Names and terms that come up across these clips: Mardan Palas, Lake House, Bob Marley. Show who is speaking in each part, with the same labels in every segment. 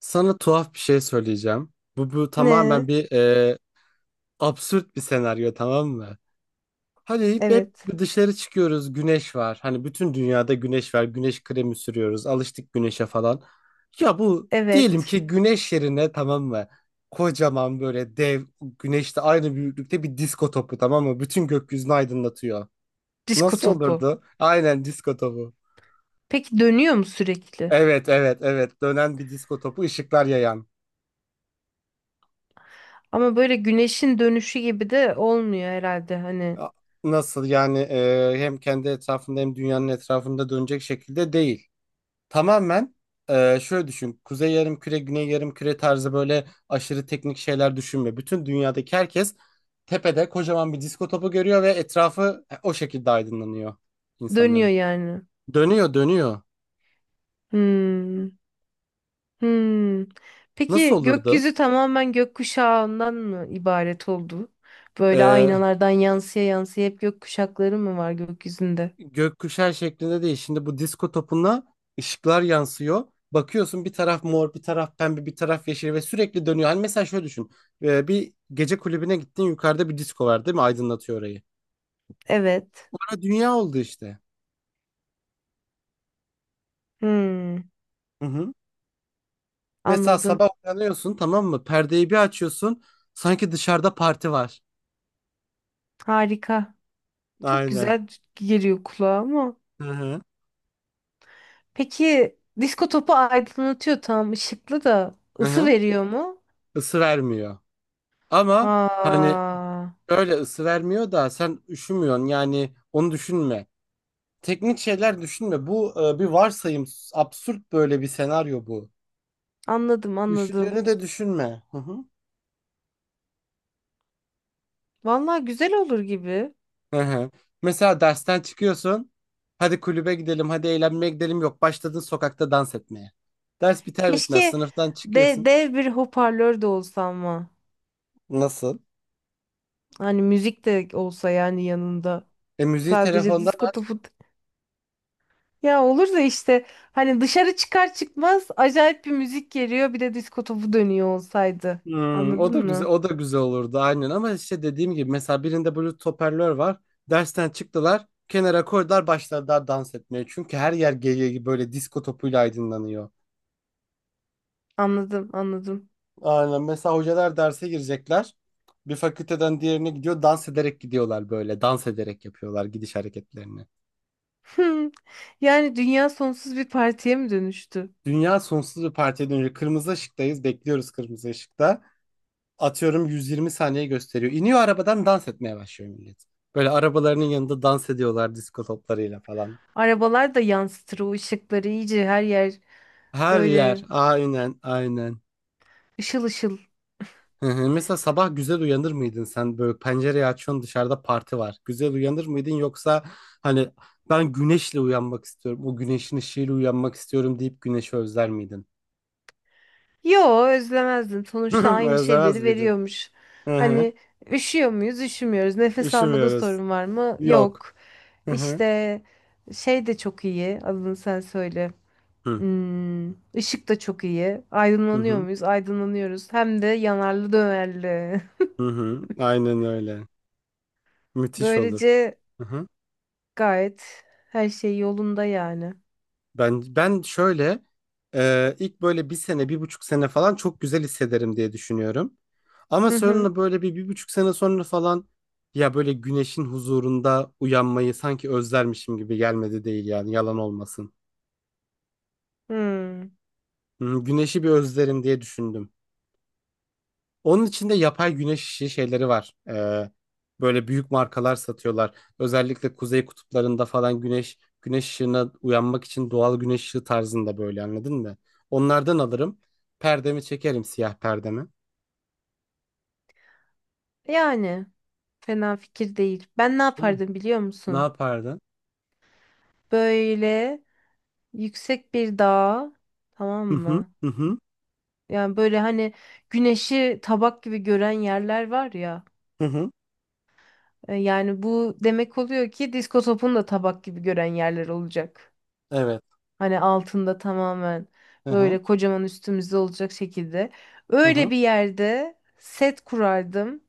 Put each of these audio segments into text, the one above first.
Speaker 1: Sana tuhaf bir şey söyleyeceğim. Bu tamamen
Speaker 2: Ne?
Speaker 1: bir absürt bir senaryo, tamam mı? Hani hep
Speaker 2: Evet.
Speaker 1: dışarı çıkıyoruz, güneş var. Hani bütün dünyada güneş var. Güneş kremi sürüyoruz. Alıştık güneşe falan. Ya bu, diyelim
Speaker 2: Evet.
Speaker 1: ki güneş yerine, tamam mı? Kocaman, böyle dev güneşte aynı büyüklükte bir disko topu, tamam mı? Bütün gökyüzünü aydınlatıyor.
Speaker 2: Disko
Speaker 1: Nasıl
Speaker 2: topu.
Speaker 1: olurdu? Aynen, disko topu.
Speaker 2: Peki dönüyor mu sürekli?
Speaker 1: Evet, evet, evet, dönen bir disko topu, ışıklar yayan.
Speaker 2: Ama böyle güneşin dönüşü gibi de olmuyor herhalde hani.
Speaker 1: Ya, nasıl yani, hem kendi etrafında hem dünyanın etrafında dönecek şekilde değil. Tamamen şöyle düşün. Kuzey yarımküre, güney yarımküre tarzı böyle aşırı teknik şeyler düşünme. Bütün dünyadaki herkes tepede kocaman bir disko topu görüyor ve etrafı o şekilde aydınlanıyor
Speaker 2: Dönüyor
Speaker 1: insanların.
Speaker 2: yani.
Speaker 1: Dönüyor, dönüyor.
Speaker 2: Hmm. Hmm.
Speaker 1: Nasıl
Speaker 2: Peki
Speaker 1: olurdu?
Speaker 2: gökyüzü tamamen gökkuşağından mı ibaret oldu? Böyle
Speaker 1: E,
Speaker 2: aynalardan yansıya yansıya hep gökkuşakları mı var gökyüzünde?
Speaker 1: Gökkuşağı şeklinde değil. Şimdi bu disko topuna ışıklar yansıyor. Bakıyorsun, bir taraf mor, bir taraf pembe, bir taraf yeşil ve sürekli dönüyor. Hani mesela şöyle düşün. Bir gece kulübüne gittin, yukarıda bir disko var değil mi? Aydınlatıyor orayı.
Speaker 2: Evet.
Speaker 1: Orada dünya oldu işte.
Speaker 2: Hmm.
Speaker 1: Hı hı. Mesela
Speaker 2: Anladım.
Speaker 1: sabah uyanıyorsun, tamam mı? Perdeyi bir açıyorsun. Sanki dışarıda parti var.
Speaker 2: Harika. Çok
Speaker 1: Aynen.
Speaker 2: güzel geliyor kulağa ama.
Speaker 1: Hı hı.
Speaker 2: Peki disko topu aydınlatıyor tam ışıklı da
Speaker 1: Hı
Speaker 2: ısı
Speaker 1: hı.
Speaker 2: veriyor mu?
Speaker 1: Isı vermiyor. Ama hani
Speaker 2: Aa,
Speaker 1: öyle ısı vermiyor da sen üşümüyorsun. Yani onu düşünme, teknik şeyler düşünme. Bu bir varsayım. Absürt böyle bir senaryo bu.
Speaker 2: anladım anladım.
Speaker 1: Üşüdüğünü de düşünme. Hı hı.
Speaker 2: Vallahi güzel olur gibi.
Speaker 1: Hı hı. Mesela dersten çıkıyorsun. Hadi kulübe gidelim, hadi eğlenmeye gidelim. Yok, başladın sokakta dans etmeye. Ders biter bitmez
Speaker 2: Keşke
Speaker 1: sınıftan çıkıyorsun.
Speaker 2: dev bir hoparlör de olsa ama.
Speaker 1: Nasıl?
Speaker 2: Hani müzik de olsa yani yanında.
Speaker 1: E müziği
Speaker 2: Sadece
Speaker 1: telefondan.
Speaker 2: disko topu. Ya olur da işte hani dışarı çıkar çıkmaz acayip bir müzik geliyor bir de disko topu dönüyor olsaydı.
Speaker 1: Hmm, o
Speaker 2: Anladın
Speaker 1: da güzel,
Speaker 2: mı?
Speaker 1: o da güzel olurdu aynen, ama işte dediğim gibi mesela birinde Bluetooth hoparlör var. Dersten çıktılar, kenara koydular, başladılar dans etmeye. Çünkü her yer gece böyle disko topuyla aydınlanıyor.
Speaker 2: Anladım anladım.
Speaker 1: Aynen. Mesela hocalar derse girecekler. Bir fakülteden diğerine gidiyor. Dans ederek gidiyorlar böyle. Dans ederek yapıyorlar gidiş hareketlerini.
Speaker 2: Yani dünya sonsuz bir partiye mi dönüştü?
Speaker 1: Dünya sonsuz bir partiye dönüyor. Kırmızı ışıktayız. Bekliyoruz kırmızı ışıkta. Atıyorum, 120 saniye gösteriyor. İniyor arabadan, dans etmeye başlıyor millet. Böyle arabalarının yanında dans ediyorlar disko toplarıyla falan.
Speaker 2: Arabalar da yansıtır o ışıkları iyice, her yer
Speaker 1: Her yer.
Speaker 2: böyle
Speaker 1: Aynen, aynen.
Speaker 2: ışıl ışıl.
Speaker 1: Hı hı. Mesela sabah güzel uyanır mıydın sen, böyle pencereyi açıyorsun, dışarıda parti var. Güzel uyanır mıydın, yoksa hani ben güneşle uyanmak istiyorum, o güneşin ışığıyla uyanmak istiyorum deyip güneşi özler miydin?
Speaker 2: Yo, özlemezdim. Sonuçta aynı
Speaker 1: Özlemez
Speaker 2: şeyleri
Speaker 1: miydin?
Speaker 2: veriyormuş.
Speaker 1: Hı hı.
Speaker 2: Hani üşüyor muyuz? Üşümüyoruz. Nefes almada
Speaker 1: Üşümüyoruz.
Speaker 2: sorun var mı?
Speaker 1: Yok.
Speaker 2: Yok.
Speaker 1: Hı hı.
Speaker 2: İşte şey de çok iyi. Adını sen söyle.
Speaker 1: Hı hı.
Speaker 2: Hmm, ışık da çok iyi.
Speaker 1: Hı
Speaker 2: Aydınlanıyor
Speaker 1: hı.
Speaker 2: muyuz? Aydınlanıyoruz. Hem de yanarlı dönerli.
Speaker 1: Hı hı. Aynen öyle. Müthiş olur.
Speaker 2: Böylece
Speaker 1: Hı hı.
Speaker 2: gayet her şey yolunda yani.
Speaker 1: Ben şöyle, ilk böyle 1 sene, 1,5 sene falan çok güzel hissederim diye düşünüyorum. Ama
Speaker 2: Hı hı.
Speaker 1: sonra böyle bir buçuk sene sonra falan, ya böyle güneşin huzurunda uyanmayı sanki özlermişim gibi gelmedi değil, yani yalan olmasın.
Speaker 2: Hmm.
Speaker 1: Hı, güneşi bir özlerim diye düşündüm. Onun içinde yapay güneş işi şeyleri var. Böyle büyük markalar satıyorlar. Özellikle kuzey kutuplarında falan güneş ışığına uyanmak için doğal güneş ışığı tarzında, böyle anladın mı? Onlardan alırım. Perdemi çekerim, siyah perdemi.
Speaker 2: Yani. Fena fikir değil. Ben ne
Speaker 1: Değil mi?
Speaker 2: yapardım biliyor
Speaker 1: Ne
Speaker 2: musun?
Speaker 1: yapardın?
Speaker 2: Böyle yüksek bir dağa, tamam
Speaker 1: Hı hı,
Speaker 2: mı?
Speaker 1: hı hı,
Speaker 2: Yani böyle hani güneşi tabak gibi gören yerler var ya.
Speaker 1: hı hı.
Speaker 2: Yani bu demek oluyor ki disko topunu da tabak gibi gören yerler olacak.
Speaker 1: Evet.
Speaker 2: Hani altında tamamen
Speaker 1: Hı hı,
Speaker 2: böyle kocaman üstümüzde olacak şekilde.
Speaker 1: hı
Speaker 2: Öyle
Speaker 1: hı.
Speaker 2: bir yerde set kurardım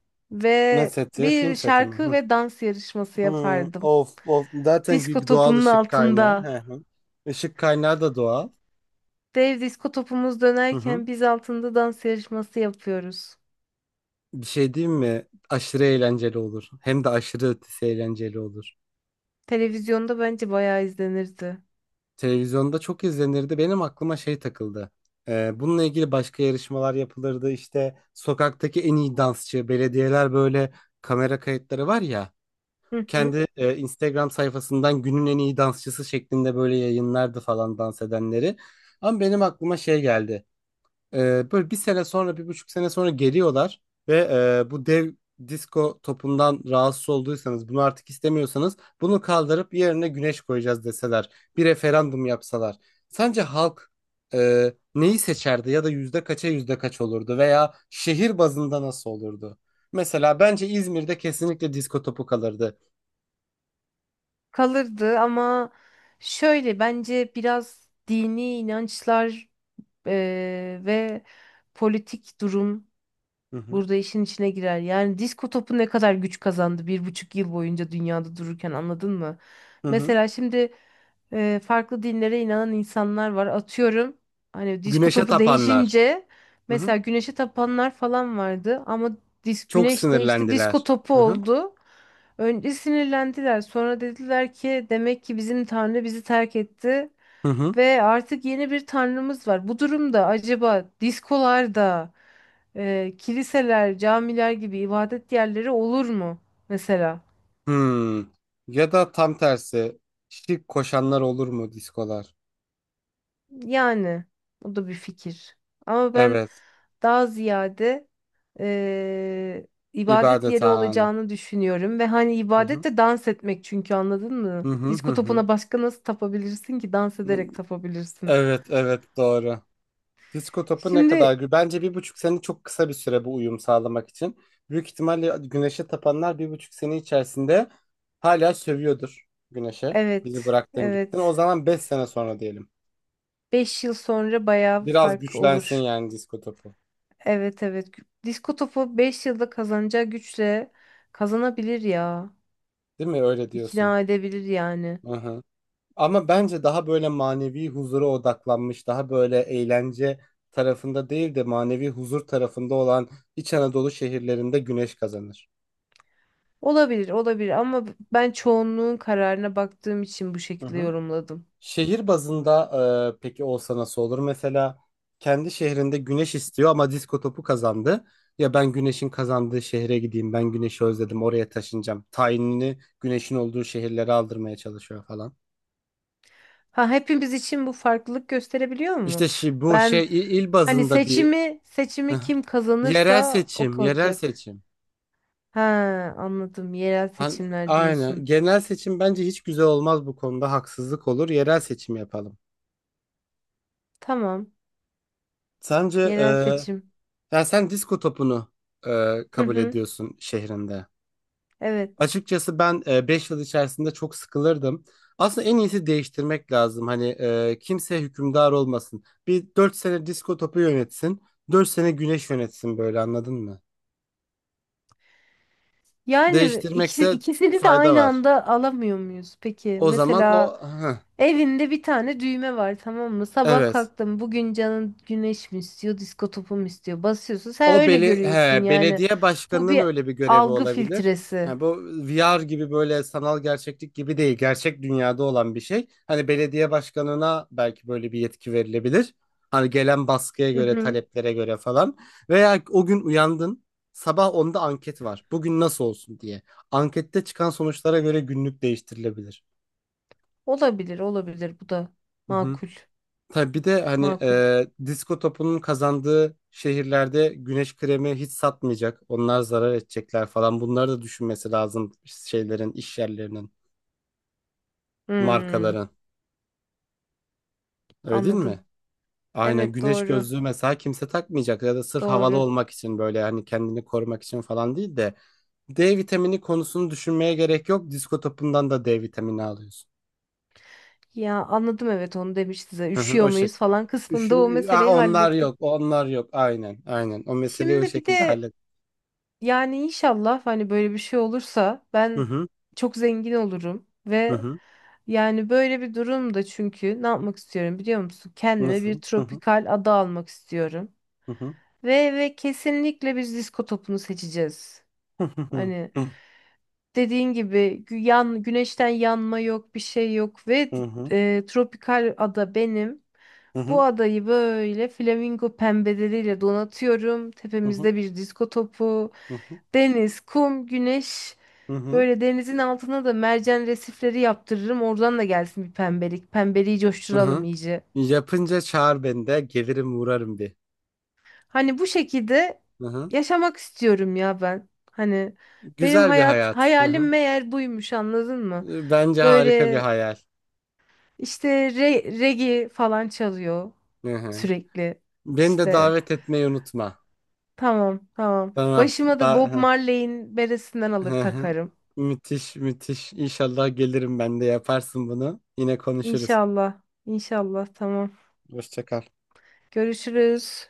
Speaker 1: Ne
Speaker 2: ve
Speaker 1: seti? Film
Speaker 2: bir
Speaker 1: seti mi?
Speaker 2: şarkı
Speaker 1: Hı.
Speaker 2: ve dans yarışması
Speaker 1: Hı.
Speaker 2: yapardım.
Speaker 1: Of of, zaten
Speaker 2: Disko
Speaker 1: doğal
Speaker 2: topunun
Speaker 1: ışık kaynağı.
Speaker 2: altında.
Speaker 1: Hı hı. Işık kaynağı da doğal.
Speaker 2: Dev disko topumuz
Speaker 1: Hı hı.
Speaker 2: dönerken biz altında dans yarışması yapıyoruz.
Speaker 1: Bir şey diyeyim mi? Aşırı eğlenceli olur. Hem de aşırı ötesi eğlenceli olur.
Speaker 2: Televizyonda bence bayağı izlenirdi.
Speaker 1: Televizyonda çok izlenirdi. Benim aklıma şey takıldı. Bununla ilgili başka yarışmalar yapılırdı. İşte sokaktaki en iyi dansçı, belediyeler böyle kamera kayıtları var ya.
Speaker 2: Hı hı.
Speaker 1: Kendi Instagram sayfasından günün en iyi dansçısı şeklinde böyle yayınlardı falan dans edenleri. Ama benim aklıma şey geldi. Böyle 1 sene sonra, 1,5 sene sonra geliyorlar ve bu dev disco topundan rahatsız olduysanız, bunu artık istemiyorsanız, bunu kaldırıp yerine güneş koyacağız deseler, bir referandum yapsalar. Sence halk neyi seçerdi, ya da yüzde kaça yüzde kaç olurdu, veya şehir bazında nasıl olurdu? Mesela bence İzmir'de kesinlikle disco topu kalırdı.
Speaker 2: Kalırdı ama şöyle bence biraz dini inançlar, ve politik durum
Speaker 1: Hı hı.
Speaker 2: burada işin içine girer. Yani disko topu ne kadar güç kazandı 1,5 yıl boyunca dünyada dururken, anladın mı?
Speaker 1: Hı hı.
Speaker 2: Mesela şimdi farklı dinlere inanan insanlar var. Atıyorum, hani disko
Speaker 1: Güneşe
Speaker 2: topu
Speaker 1: tapanlar.
Speaker 2: değişince
Speaker 1: Hı hı.
Speaker 2: mesela güneşe tapanlar falan vardı ama
Speaker 1: Çok
Speaker 2: güneş değişti, disko
Speaker 1: sinirlendiler.
Speaker 2: topu
Speaker 1: Hı hı.
Speaker 2: oldu. Önce sinirlendiler, sonra dediler ki demek ki bizim tanrı bizi terk etti
Speaker 1: Hı hı.
Speaker 2: ve artık yeni bir tanrımız var. Bu durumda acaba diskolarda kiliseler, camiler gibi ibadet yerleri olur mu mesela?
Speaker 1: Hmm. Ya da tam tersi, şirk koşanlar olur mu diskolar?
Speaker 2: Yani o da bir fikir. Ama ben
Speaker 1: Evet.
Speaker 2: daha ziyade eee, ibadet yeri
Speaker 1: İbadethane.
Speaker 2: olacağını düşünüyorum ve hani
Speaker 1: Hı
Speaker 2: ibadet
Speaker 1: hı.
Speaker 2: de dans etmek çünkü, anladın
Speaker 1: Hı
Speaker 2: mı?
Speaker 1: hı, hı
Speaker 2: Disko
Speaker 1: hı.
Speaker 2: topuna başka nasıl tapabilirsin ki, dans ederek tapabilirsin.
Speaker 1: Evet, evet, doğru. Disko topu ne kadar
Speaker 2: Şimdi.
Speaker 1: gü, bence 1,5 sene çok kısa bir süre bu uyum sağlamak için. Büyük ihtimalle güneşe tapanlar 1,5 sene içerisinde hala sövüyordur güneşe. Bizi
Speaker 2: Evet,
Speaker 1: bıraktın, gittin. O
Speaker 2: evet.
Speaker 1: zaman 5 sene sonra diyelim.
Speaker 2: 5 yıl sonra bayağı
Speaker 1: Biraz
Speaker 2: fark
Speaker 1: güçlensin
Speaker 2: olur.
Speaker 1: yani disko topu.
Speaker 2: Evet, evet, disko topu 5 yılda kazanacağı güçle kazanabilir ya.
Speaker 1: Değil mi? Öyle diyorsun.
Speaker 2: İkna edebilir yani.
Speaker 1: Hı hı. Ama bence daha böyle manevi huzura odaklanmış, daha böyle eğlence tarafında değil de manevi huzur tarafında olan İç Anadolu şehirlerinde güneş kazanır.
Speaker 2: Olabilir, olabilir, ama ben çoğunluğun kararına baktığım için bu
Speaker 1: Hı
Speaker 2: şekilde
Speaker 1: hı.
Speaker 2: yorumladım.
Speaker 1: Şehir bazında peki olsa nasıl olur? Mesela kendi şehrinde güneş istiyor ama disko topu kazandı. Ya ben güneşin kazandığı şehre gideyim, ben güneşi özledim, oraya taşınacağım. Tayinini güneşin olduğu şehirlere aldırmaya çalışıyor falan.
Speaker 2: Ha, hepimiz için bu farklılık gösterebiliyor
Speaker 1: İşte
Speaker 2: mu?
Speaker 1: bu şey,
Speaker 2: Ben,
Speaker 1: il
Speaker 2: hani
Speaker 1: bazında bir,
Speaker 2: seçimi kim
Speaker 1: yerel
Speaker 2: kazanırsa o
Speaker 1: seçim, yerel
Speaker 2: kalacak.
Speaker 1: seçim.
Speaker 2: Ha, anladım. Yerel
Speaker 1: Hani,
Speaker 2: seçimler
Speaker 1: aynen.
Speaker 2: diyorsun.
Speaker 1: Genel seçim bence hiç güzel olmaz bu konuda. Haksızlık olur. Yerel seçim yapalım.
Speaker 2: Tamam.
Speaker 1: Sence,
Speaker 2: Yerel seçim.
Speaker 1: ya sen disko topunu
Speaker 2: Hı
Speaker 1: kabul
Speaker 2: hı.
Speaker 1: ediyorsun şehrinde.
Speaker 2: Evet.
Speaker 1: Açıkçası ben 5 yıl içerisinde çok sıkılırdım. Aslında en iyisi değiştirmek lazım. Hani kimse hükümdar olmasın. Bir, 4 sene disko topu yönetsin, 4 sene güneş yönetsin, böyle, anladın mı?
Speaker 2: Yani
Speaker 1: Değiştirmekte
Speaker 2: ikisini de
Speaker 1: fayda
Speaker 2: aynı
Speaker 1: var.
Speaker 2: anda alamıyor muyuz? Peki
Speaker 1: O zaman o.
Speaker 2: mesela
Speaker 1: Heh,
Speaker 2: evinde bir tane düğme var, tamam mı? Sabah
Speaker 1: evet.
Speaker 2: kalktım, bugün canın güneş mi istiyor, disko topu mu istiyor? Basıyorsun. Sen öyle görüyorsun yani.
Speaker 1: Belediye
Speaker 2: Bu
Speaker 1: başkanının
Speaker 2: bir
Speaker 1: öyle bir görevi
Speaker 2: algı
Speaker 1: olabilir.
Speaker 2: filtresi.
Speaker 1: Ha, bu VR gibi, böyle sanal gerçeklik gibi değil. Gerçek dünyada olan bir şey. Hani belediye başkanına belki böyle bir yetki verilebilir. Hani gelen baskıya
Speaker 2: Hı
Speaker 1: göre,
Speaker 2: hı.
Speaker 1: taleplere göre falan. Veya o gün uyandın. Sabah onda anket var. Bugün nasıl olsun diye. Ankette çıkan sonuçlara göre günlük değiştirilebilir.
Speaker 2: Olabilir, olabilir. Bu da
Speaker 1: Hı hı.
Speaker 2: makul,
Speaker 1: Tabii bir de hani
Speaker 2: makul.
Speaker 1: disko topunun kazandığı şehirlerde güneş kremi hiç satmayacak. Onlar zarar edecekler falan. Bunları da düşünmesi lazım, şeylerin, iş yerlerinin,
Speaker 2: Hmm,
Speaker 1: markaların. Öyle değil mi?
Speaker 2: anladım.
Speaker 1: Aynen,
Speaker 2: Evet,
Speaker 1: güneş
Speaker 2: doğru,
Speaker 1: gözlüğü mesela kimse takmayacak, ya da sırf havalı
Speaker 2: doğru.
Speaker 1: olmak için, böyle hani kendini korumak için falan değil de, D vitamini konusunu düşünmeye gerek yok. Disko topundan da D vitamini alıyorsun.
Speaker 2: Ya anladım, evet, onu demişti zaten.
Speaker 1: Hı hı.
Speaker 2: Üşüyor
Speaker 1: O
Speaker 2: muyuz
Speaker 1: şekilde.
Speaker 2: falan kısmında o
Speaker 1: Düşün. Aa,
Speaker 2: meseleyi
Speaker 1: onlar
Speaker 2: hallettik.
Speaker 1: yok, onlar yok. Aynen, aynen. O meseleyi o
Speaker 2: Şimdi bir
Speaker 1: şekilde
Speaker 2: de
Speaker 1: hallet.
Speaker 2: yani inşallah hani böyle bir şey olursa
Speaker 1: Hı
Speaker 2: ben
Speaker 1: hı,
Speaker 2: çok zengin olurum
Speaker 1: hı
Speaker 2: ve
Speaker 1: hı.
Speaker 2: yani böyle bir durumda, çünkü ne yapmak istiyorum biliyor musun? Kendime bir
Speaker 1: Nasıl? Hı hı.
Speaker 2: tropikal ada almak istiyorum.
Speaker 1: Hı hı.
Speaker 2: Ve kesinlikle biz disko topunu seçeceğiz.
Speaker 1: Hı hı.
Speaker 2: Hani dediğin gibi güneşten yanma yok, bir şey yok ve
Speaker 1: Hı hı.
Speaker 2: tropikal ada benim.
Speaker 1: Hı
Speaker 2: Bu
Speaker 1: hı.
Speaker 2: adayı böyle flamingo pembeleriyle donatıyorum.
Speaker 1: Hı hı.
Speaker 2: Tepemizde bir disko topu,
Speaker 1: Hı hı.
Speaker 2: deniz, kum, güneş.
Speaker 1: Hı hı.
Speaker 2: Böyle denizin altına da mercan resifleri yaptırırım. Oradan da gelsin bir pembelik. Pembeliği
Speaker 1: Hı
Speaker 2: coşturalım
Speaker 1: hı.
Speaker 2: iyice.
Speaker 1: Yapınca çağır, beni de gelirim, uğrarım bir.
Speaker 2: Hani bu şekilde
Speaker 1: Hı hı.
Speaker 2: yaşamak istiyorum ya ben. Hani benim
Speaker 1: Güzel bir
Speaker 2: hayat
Speaker 1: hayat. Hı
Speaker 2: hayalim
Speaker 1: hı.
Speaker 2: meğer buymuş, anladın mı?
Speaker 1: Bence harika bir
Speaker 2: Böyle
Speaker 1: hayal.
Speaker 2: İşte regi falan çalıyor
Speaker 1: Hı hı.
Speaker 2: sürekli.
Speaker 1: Beni de
Speaker 2: İşte
Speaker 1: davet etmeyi unutma.
Speaker 2: tamam, tamam.
Speaker 1: Tamam.
Speaker 2: Başıma da
Speaker 1: Da
Speaker 2: Bob
Speaker 1: hı.
Speaker 2: Marley'in beresinden alır
Speaker 1: Hı hı.
Speaker 2: takarım.
Speaker 1: Müthiş, müthiş. İnşallah gelirim, ben de yaparsın bunu. Yine konuşuruz.
Speaker 2: İnşallah. İnşallah tamam.
Speaker 1: Hoşça kal.
Speaker 2: Görüşürüz.